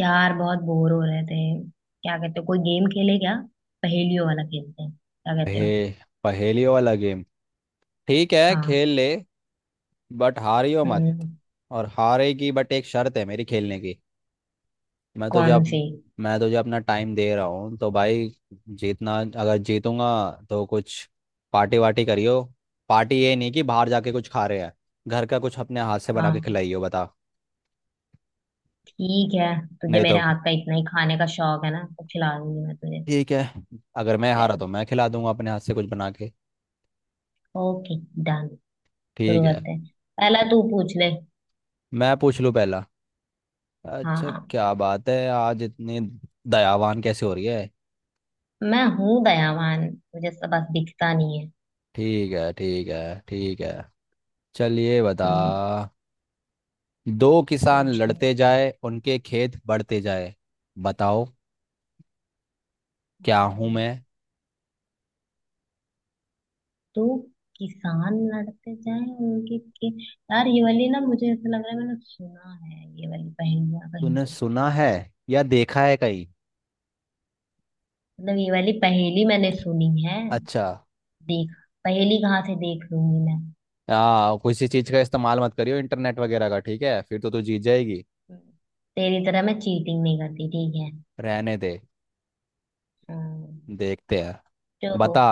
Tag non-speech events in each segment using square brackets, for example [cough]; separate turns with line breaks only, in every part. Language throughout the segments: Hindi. यार बहुत बोर हो रहे थे। क्या कहते हो, कोई गेम खेले क्या? पहेलियों वाला खेलते हैं, क्या कहते हो?
पहे, पहेलियों वाला गेम। ठीक है
हाँ।
खेल ले। बट हारियो मत।
हम्म।
और हारेगी बट एक शर्त है मेरी खेलने की। मैं तुझे
कौन
अब
सी?
मैं तुझे अपना टाइम दे रहा हूँ तो भाई। जीतना अगर जीतूंगा तो कुछ पार्टी वार्टी करियो। पार्टी ये नहीं कि बाहर जाके कुछ खा रहे हैं। घर का कुछ अपने हाथ से बना
हाँ
के
तो
खिलाइयो बता।
ठीक है। तुझे
नहीं
मेरे
तो
हाथ का इतना ही खाने का शौक है ना, तो खिला दूंगी मैं तुझे।
ठीक है। अगर मैं हारा
चल,
तो मैं खिला दूंगा अपने हाथ से कुछ बना के।
Okay, done. शुरू
ठीक है।
करते हैं। पहला तू पूछ ले।
मैं पूछ लूँ पहला। अच्छा
हाँ।
क्या बात है आज इतनी दयावान कैसे हो रही है।
मैं हूँ दयावान। मुझे सब बस दिखता नहीं है।
ठीक है ठीक है ठीक है। चलिए बता।
हम्म।
दो किसान
पूछ ले।
लड़ते जाए उनके खेत बढ़ते जाए। बताओ। क्या हूं
हाँ।
मैं।
तो किसान लड़ते जाएं उनके के यार, ये वाली ना, मुझे ऐसा लग रहा है मैंने सुना है ये वाली पहेलियां कहीं
तूने
तो।
सुना है या देखा है कहीं।
मतलब ये वाली पहेली मैंने सुनी है।
अच्छा।
देख, पहेली कहाँ से देख लूंगी मैं।
आ किसी चीज का इस्तेमाल मत करियो इंटरनेट वगैरह का। ठीक है फिर तो तू जीत जाएगी।
तेरी तरह मैं चीटिंग नहीं करती, ठीक है।
रहने दे।
हाँ।
देखते हैं।
तो
बता।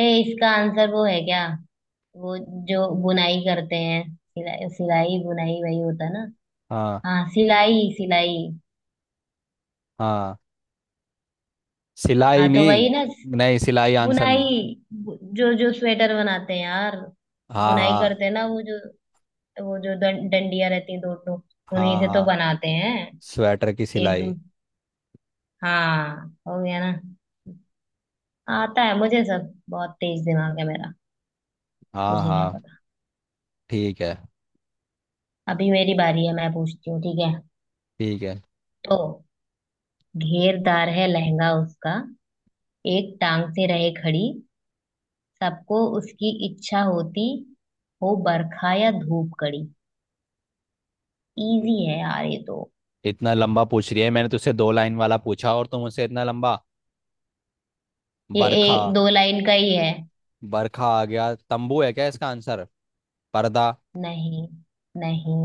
ए, इसका आंसर वो है क्या? वो जो बुनाई करते हैं। सिलाई सिलाई बुनाई वही होता है ना?
हाँ
हाँ, सिलाई सिलाई।
हाँ सिलाई
हाँ तो
नहीं।
वही ना।
नहीं सिलाई आंसर
बुनाई।
नहीं।
जो जो स्वेटर बनाते हैं यार,
हाँ
बुनाई
हाँ।
करते हैं ना वो जो, वो जो डंडियां रहती हैं दो दो, उन्हीं
हाँ
से तो
हाँ।
बनाते हैं।
स्वेटर की
एक दू
सिलाई।
हाँ, हो गया ना। आता है मुझे सब, बहुत तेज दिमाग है मेरा।
हाँ
तुझे क्या
हाँ।
पता।
ठीक है।
अभी मेरी बारी है, मैं पूछती हूँ, ठीक है।
ठीक है।
तो घेरदार है लहंगा उसका, एक टांग से रहे खड़ी, सबको उसकी इच्छा होती, हो बरखा या धूप कड़ी। इजी है यार ये तो।
इतना लंबा पूछ रही है मैंने तुझसे दो लाइन वाला पूछा और तुम मुझसे इतना लंबा।
ये
बरखा।
एक दो लाइन का ही है।
बरखा आ गया तंबू है क्या इसका आंसर। पर्दा।
नहीं, नहीं।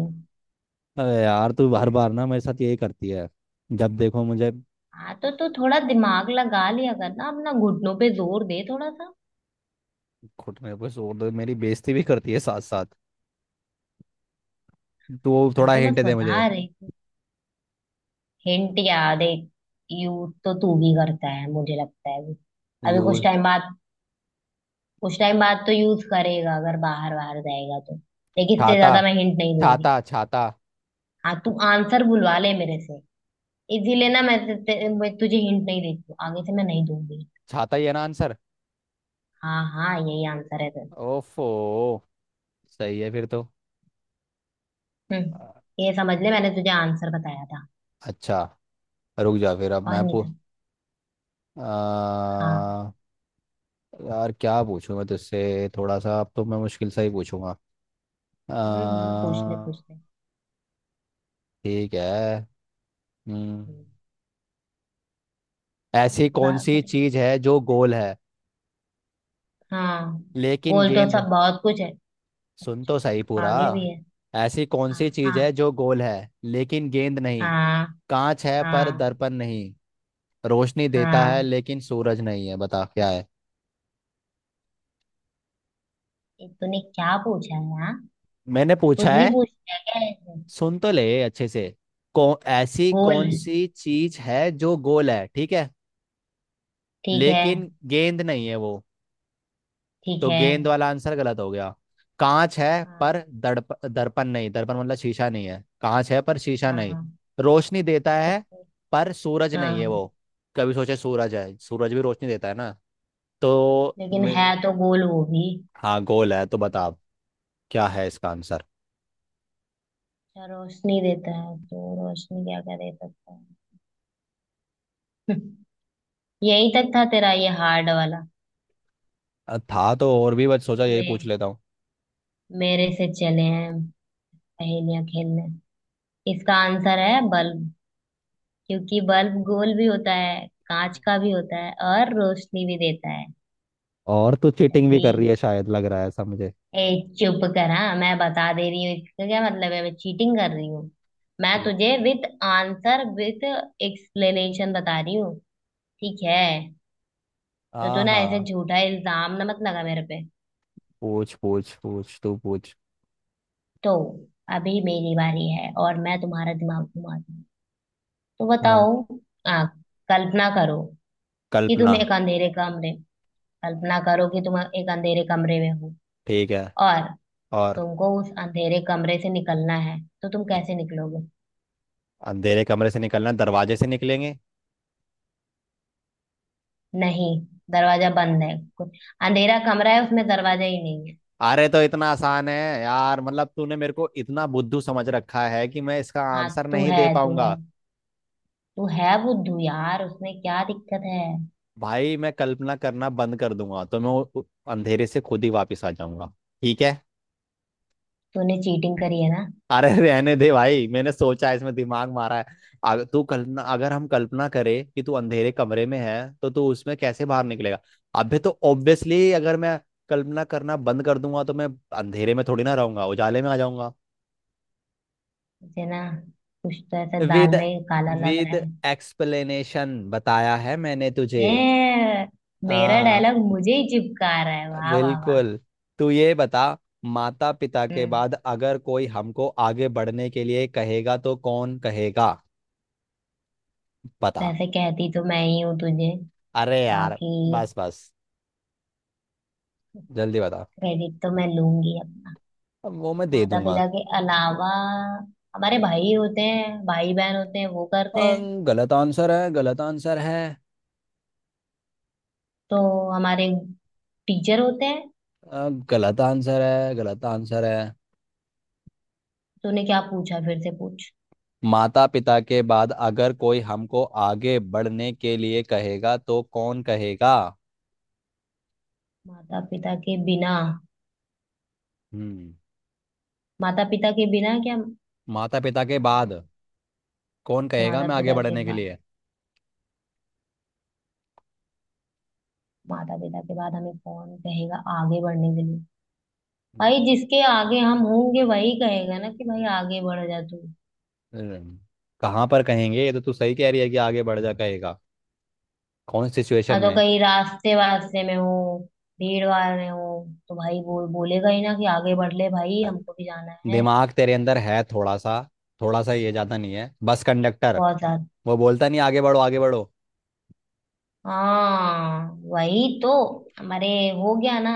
अरे यार तू हर बार ना मेरे साथ यही करती है। जब देखो मुझे।
हाँ तो तू थोड़ा दिमाग लगा लिया कर ना अपना, घुटनों पे जोर दे थोड़ा सा।
घुटने पे जोर दे मेरी बेइज्जती भी करती है साथ साथ। तो
मैं
थोड़ा
तो
हिंट
बस
दे मुझे।
बता रही हूँ। हिंट याद है। यूज तो तू भी करता है, मुझे लगता है अभी, अभी
यू
कुछ टाइम बाद, कुछ टाइम बाद तो यूज करेगा, अगर बाहर बाहर जाएगा तो। लेकिन इससे
छाता।
ज्यादा मैं हिंट नहीं दूंगी।
छाता छाता।
हाँ, तू आंसर बुलवा ले मेरे से। इसीलिए ना मैं तुझे हिंट नहीं देती हूँ, आगे से मैं नहीं दूंगी।
छाता ही है ना आंसर।
हाँ हाँ, यही आंसर है तेरा।
ओफो। सही है फिर तो।
हम्म।
अ-
ये समझ ले, मैंने तुझे आंसर बताया था।
अच्छा। रुक जा फिर अब
और
मैं
नहीं
पू
तो। हाँ।
आ, यार क्या पूछूं मैं तुझसे थोड़ा सा अब तो मैं मुश्किल सा ही पूछूंगा।
हम्म, पूछ ले पूछ
अ,
ले।
ठीक है। हम्म,
हम्म।
ऐसी कौन
इंतजार
सी
करेंगे।
चीज है जो गोल है
हाँ।
लेकिन
बोल तो
गेंद।
सब बहुत कुछ है।
सुन तो सही पूरा।
आगे भी है।
ऐसी कौन
हाँ
सी चीज है
हाँ।
जो गोल है लेकिन गेंद नहीं।
हाँ।
कांच है पर
हाँ।
दर्पण नहीं। रोशनी देता है
हाँ,
लेकिन सूरज नहीं है बता क्या है।
ये तूने क्या पूछा है? हाँ।
मैंने पूछा
कुछ भी
है।
पूछ लिया क्या ऐसे।
सुन तो ले अच्छे से। कौन ऐसी
बोल।
कौन सी चीज है जो गोल है ठीक है।
ठीक है।
लेकिन गेंद नहीं है वो।
ठीक
तो
है।
गेंद वाला आंसर गलत हो गया। कांच है
हाँ।
पर दड़प दर्पण नहीं। दर्पण मतलब शीशा नहीं है कांच है पर शीशा नहीं।
हाँ।
रोशनी देता है।
ओके।
पर सूरज नहीं है
हाँ।
वो। कभी सोचे सूरज है सूरज भी रोशनी देता है ना। तो
लेकिन
मे-
है तो गोल वो भी।
हाँ गोल है तो बता आप, क्या है इसका आंसर।
अच्छा, रोशनी देता है, तो रोशनी क्या क्या दे सकता है [laughs] यही तक था तेरा ये हार्ड वाला।
था तो और भी बस सोचा यही पूछ
मैं
लेता हूँ।
मेरे से चले हैं पहेलियां खेलने। इसका आंसर है बल्ब, क्योंकि बल्ब गोल भी होता है, कांच का भी होता है, और रोशनी भी देता है।
और तू
मेरा
चीटिंग भी
जी।
कर रही है शायद लग रहा है ऐसा मुझे।
ए, चुप करा, मैं बता दे रही हूँ इसका क्या मतलब है, मैं चीटिंग कर रही हूँ? मैं तुझे विथ आंसर विथ एक्सप्लेनेशन बता रही हूँ। ठीक है। तो तू
हाँ
ना ऐसे
हाँ।
झूठा इल्जाम ना मत लगा मेरे पे।
पूछ पूछ पूछ तू पूछ।
तो अभी मेरी बारी है, और मैं तुम्हारा दिमाग घुमा दूंगी। तो बताओ।
हाँ।
आ कल्पना करो कि
कल्पना।
तुम एक अंधेरे कमरे कल्पना करो कि तुम एक अंधेरे कमरे में हो।
ठीक है
और
और।
तुमको उस अंधेरे कमरे से निकलना है, तो तुम कैसे निकलोगे?
अंधेरे कमरे से निकलना दरवाजे से निकलेंगे।
नहीं, दरवाजा बंद है। को- अंधेरा कमरा है, उसमें दरवाजा ही नहीं है।
अरे तो इतना आसान है। यार मतलब तूने मेरे को इतना बुद्धू समझ रखा है कि मैं इसका
हाँ,
आंसर नहीं दे पाऊंगा।
तू है बुद्धू यार, उसमें क्या दिक्कत है।
भाई मैं कल्पना करना बंद कर दूंगा तो मैं अंधेरे से खुद ही वापस आ जाऊंगा। ठीक है।
तूने चीटिंग करी है ना।
अरे [laughs] रहने दे भाई मैंने सोचा है, इसमें दिमाग मारा है। अगर हम कल्पना करें कि तू अंधेरे कमरे में है तो तू उसमें कैसे बाहर निकलेगा। अबे तो ऑब्वियसली अगर मैं कल्पना करना बंद कर दूंगा तो मैं अंधेरे में थोड़ी ना रहूंगा उजाले में आ जाऊंगा।
मुझे ना, कुछ तो ऐसा
विद
दाल में काला लग
विद
रहा है।
एक्सप्लेनेशन बताया है मैंने तुझे।
ए, मेरा
हाँ।
डायलॉग मुझे ही चिपका रहा है, वाह वाह वाह।
बिल्कुल। तू ये बता। माता पिता के
हम्म।
बाद अगर कोई हमको आगे बढ़ने के लिए कहेगा तो कौन कहेगा। बता।
वैसे कहती तो मैं ही हूँ तुझे।
अरे यार।
बाकी।
बस बस जल्दी बता।
क्रेडिट तो मैं लूंगी अपना।
अब वो मैं दे
माता
दूंगा।
पिता के अलावा हमारे भाई होते हैं, भाई बहन होते हैं, वो
अ,
करते हैं।
गलत आंसर है गलत आंसर है।
तो हमारे टीचर होते हैं।
गलत आंसर है गलत आंसर है।
तूने क्या पूछा, फिर से पूछ।
माता पिता के बाद अगर कोई हमको आगे बढ़ने के लिए कहेगा तो कौन कहेगा।
माता पिता के बिना।
हम्म।
माता पिता के बिना क्या?
माता पिता के
माता
बाद
पिता।
कौन
तो
कहेगा
माता
मैं आगे
पिता के
बढ़ने के
बाद,
लिए।
माता पिता के बाद हमें कौन कहेगा आगे बढ़ने के लिए? भाई, जिसके आगे हम होंगे वही कहेगा ना कि भाई आगे बढ़ जा तू।
हम्म, कहाँ पर कहेंगे ये तो तू सही कह रही है कि आगे बढ़ जा कहेगा। कौन सिचुएशन
हाँ तो
में।
कहीं रास्ते वास्ते में हो, भीड़ भाड़ में हो, तो भाई बोल बोलेगा ही ना कि आगे बढ़ ले भाई, हमको भी जाना है।
दिमाग तेरे अंदर है थोड़ा सा ये ज्यादा नहीं है बस कंडक्टर।
बहुत ज्यादा।
वो बोलता नहीं आगे बढ़ो आगे बढ़ो।
हाँ वही तो। हमारे। हो गया ना।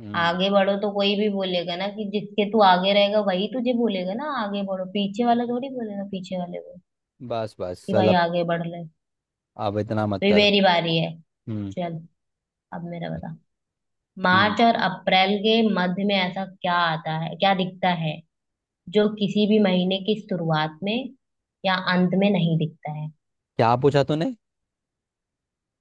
हम्म।
आगे बढ़ो तो कोई भी बोलेगा ना, कि जिसके तू आगे रहेगा वही तुझे बोलेगा ना आगे बढ़ो, पीछे वाला थोड़ी बोलेगा पीछे वाले को
बस बस
कि
चल
भाई
अब।
आगे बढ़ ले।
अब इतना मत
तो ये
कर।
मेरी बारी है।
हम्म
चल। अब मेरा बता।
हम्म।
मार्च और अप्रैल के मध्य में ऐसा क्या आता है, क्या दिखता है जो किसी भी महीने की शुरुआत में या अंत में नहीं दिखता है?
क्या पूछा तूने।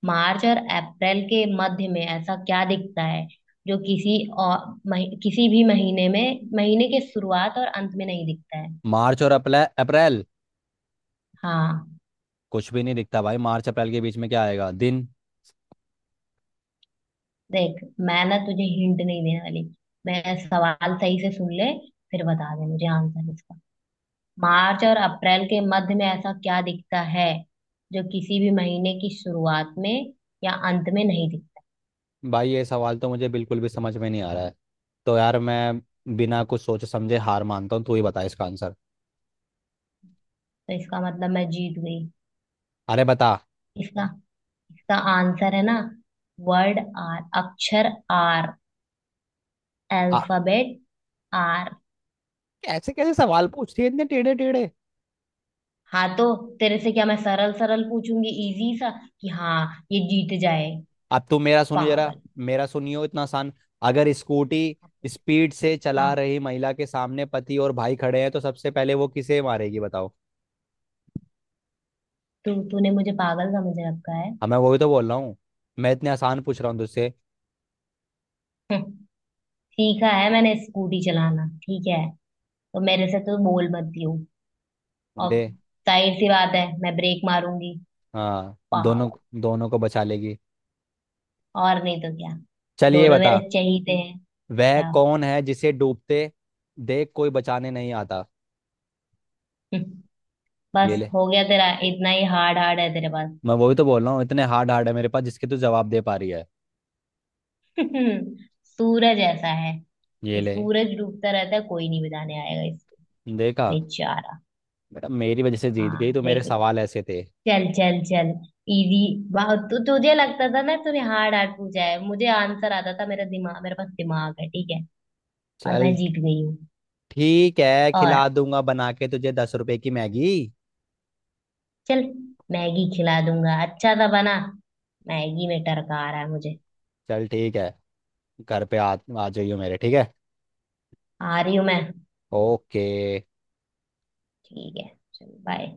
मार्च और अप्रैल के मध्य में ऐसा क्या दिखता है जो किसी और किसी भी महीने में महीने के शुरुआत और अंत में नहीं दिखता है?
मार्च और अप्रैल अप्रैल।
हाँ
कुछ भी नहीं दिखता भाई मार्च अप्रैल के बीच में क्या आएगा दिन।
देख, मैं ना तुझे हिंट नहीं देने वाली, मैं सवाल सही से सुन ले, फिर बता दे मुझे आंसर इसका। मार्च और अप्रैल के मध्य में ऐसा क्या दिखता है जो किसी भी महीने की शुरुआत में या अंत में नहीं दिखता?
भाई ये सवाल तो मुझे बिल्कुल भी समझ में नहीं आ रहा है। तो यार मैं बिना कुछ सोचे समझे हार मानता हूँ तू ही बता इसका आंसर।
तो इसका मतलब मैं जीत गई।
अरे बता।
इसका, इसका आंसर है ना, वर्ड आर, अक्षर आर,
आ,
अल्फाबेट आर।
कैसे कैसे सवाल पूछती है इतने टेढ़े टेढ़े।
हाँ तो तेरे से क्या मैं सरल सरल पूछूंगी, इजी सा, कि हाँ, ये जीत जाए।
अब तू मेरा सुनियो जरा।
पागल।
मेरा सुनियो इतना आसान। अगर स्कूटी
अब पूछ-
स्पीड से
हाँ,
चला रही महिला के सामने पति और भाई खड़े हैं तो सबसे पहले वो किसे मारेगी बताओ।
तू तूने मुझे पागल समझ रखा है।
हाँ मैं वही तो बोल रहा हूँ। मैं इतने आसान पूछ रहा हूँ तुझसे।
हम्म, सीखा है मैंने स्कूटी चलाना, ठीक है, तो मेरे से तो बोल मत दियो। और
दे।
जाहिर सी बात है, मैं ब्रेक मारूंगी।
हाँ। दोनों
पागल।
दोनों को बचा लेगी।
और नहीं तो क्या।
चलिए
दोनों मेरे
बता।
चहीते हैं।
वह
क्या।
कौन है जिसे डूबते देख कोई बचाने नहीं आता।
[laughs]
ये
बस
ले।
हो गया तेरा, इतना ही हार्ड हार्ड है तेरे पास।
मैं वही तो बोल रहा हूँ इतने हार्ड हार्ड है मेरे पास जिसके तू जवाब दे पा रही है।
[laughs] सूरज ऐसा है
ये
कि
ले।
सूरज डूबता रहता है, कोई नहीं बचाने आएगा इसको
देखा।
बेचारा।
बेटा मेरी वजह से जीत गई
हाँ
तो मेरे
देख,
सवाल ऐसे थे।
चल चल चल, इजी, बहुत तुझे लगता था ना तूने हार्ड हार्ड पूछा है, मुझे आंसर आता था, मेरा दिमाग, मेरे पास दिमाग है, ठीक है। और मैं
चल
जीत गई हूँ।
ठीक है
और
खिला दूंगा बना के तुझे 10 रुपए की मैगी।
चल, मैगी खिला दूंगा अच्छा था, बना। मैगी में टरका आ रहा है मुझे।
चल ठीक है। घर पे आ। आ जाइयो मेरे ठीक है।
आ रही हूँ मैं।
ओके।
ठीक है, चल, बाय।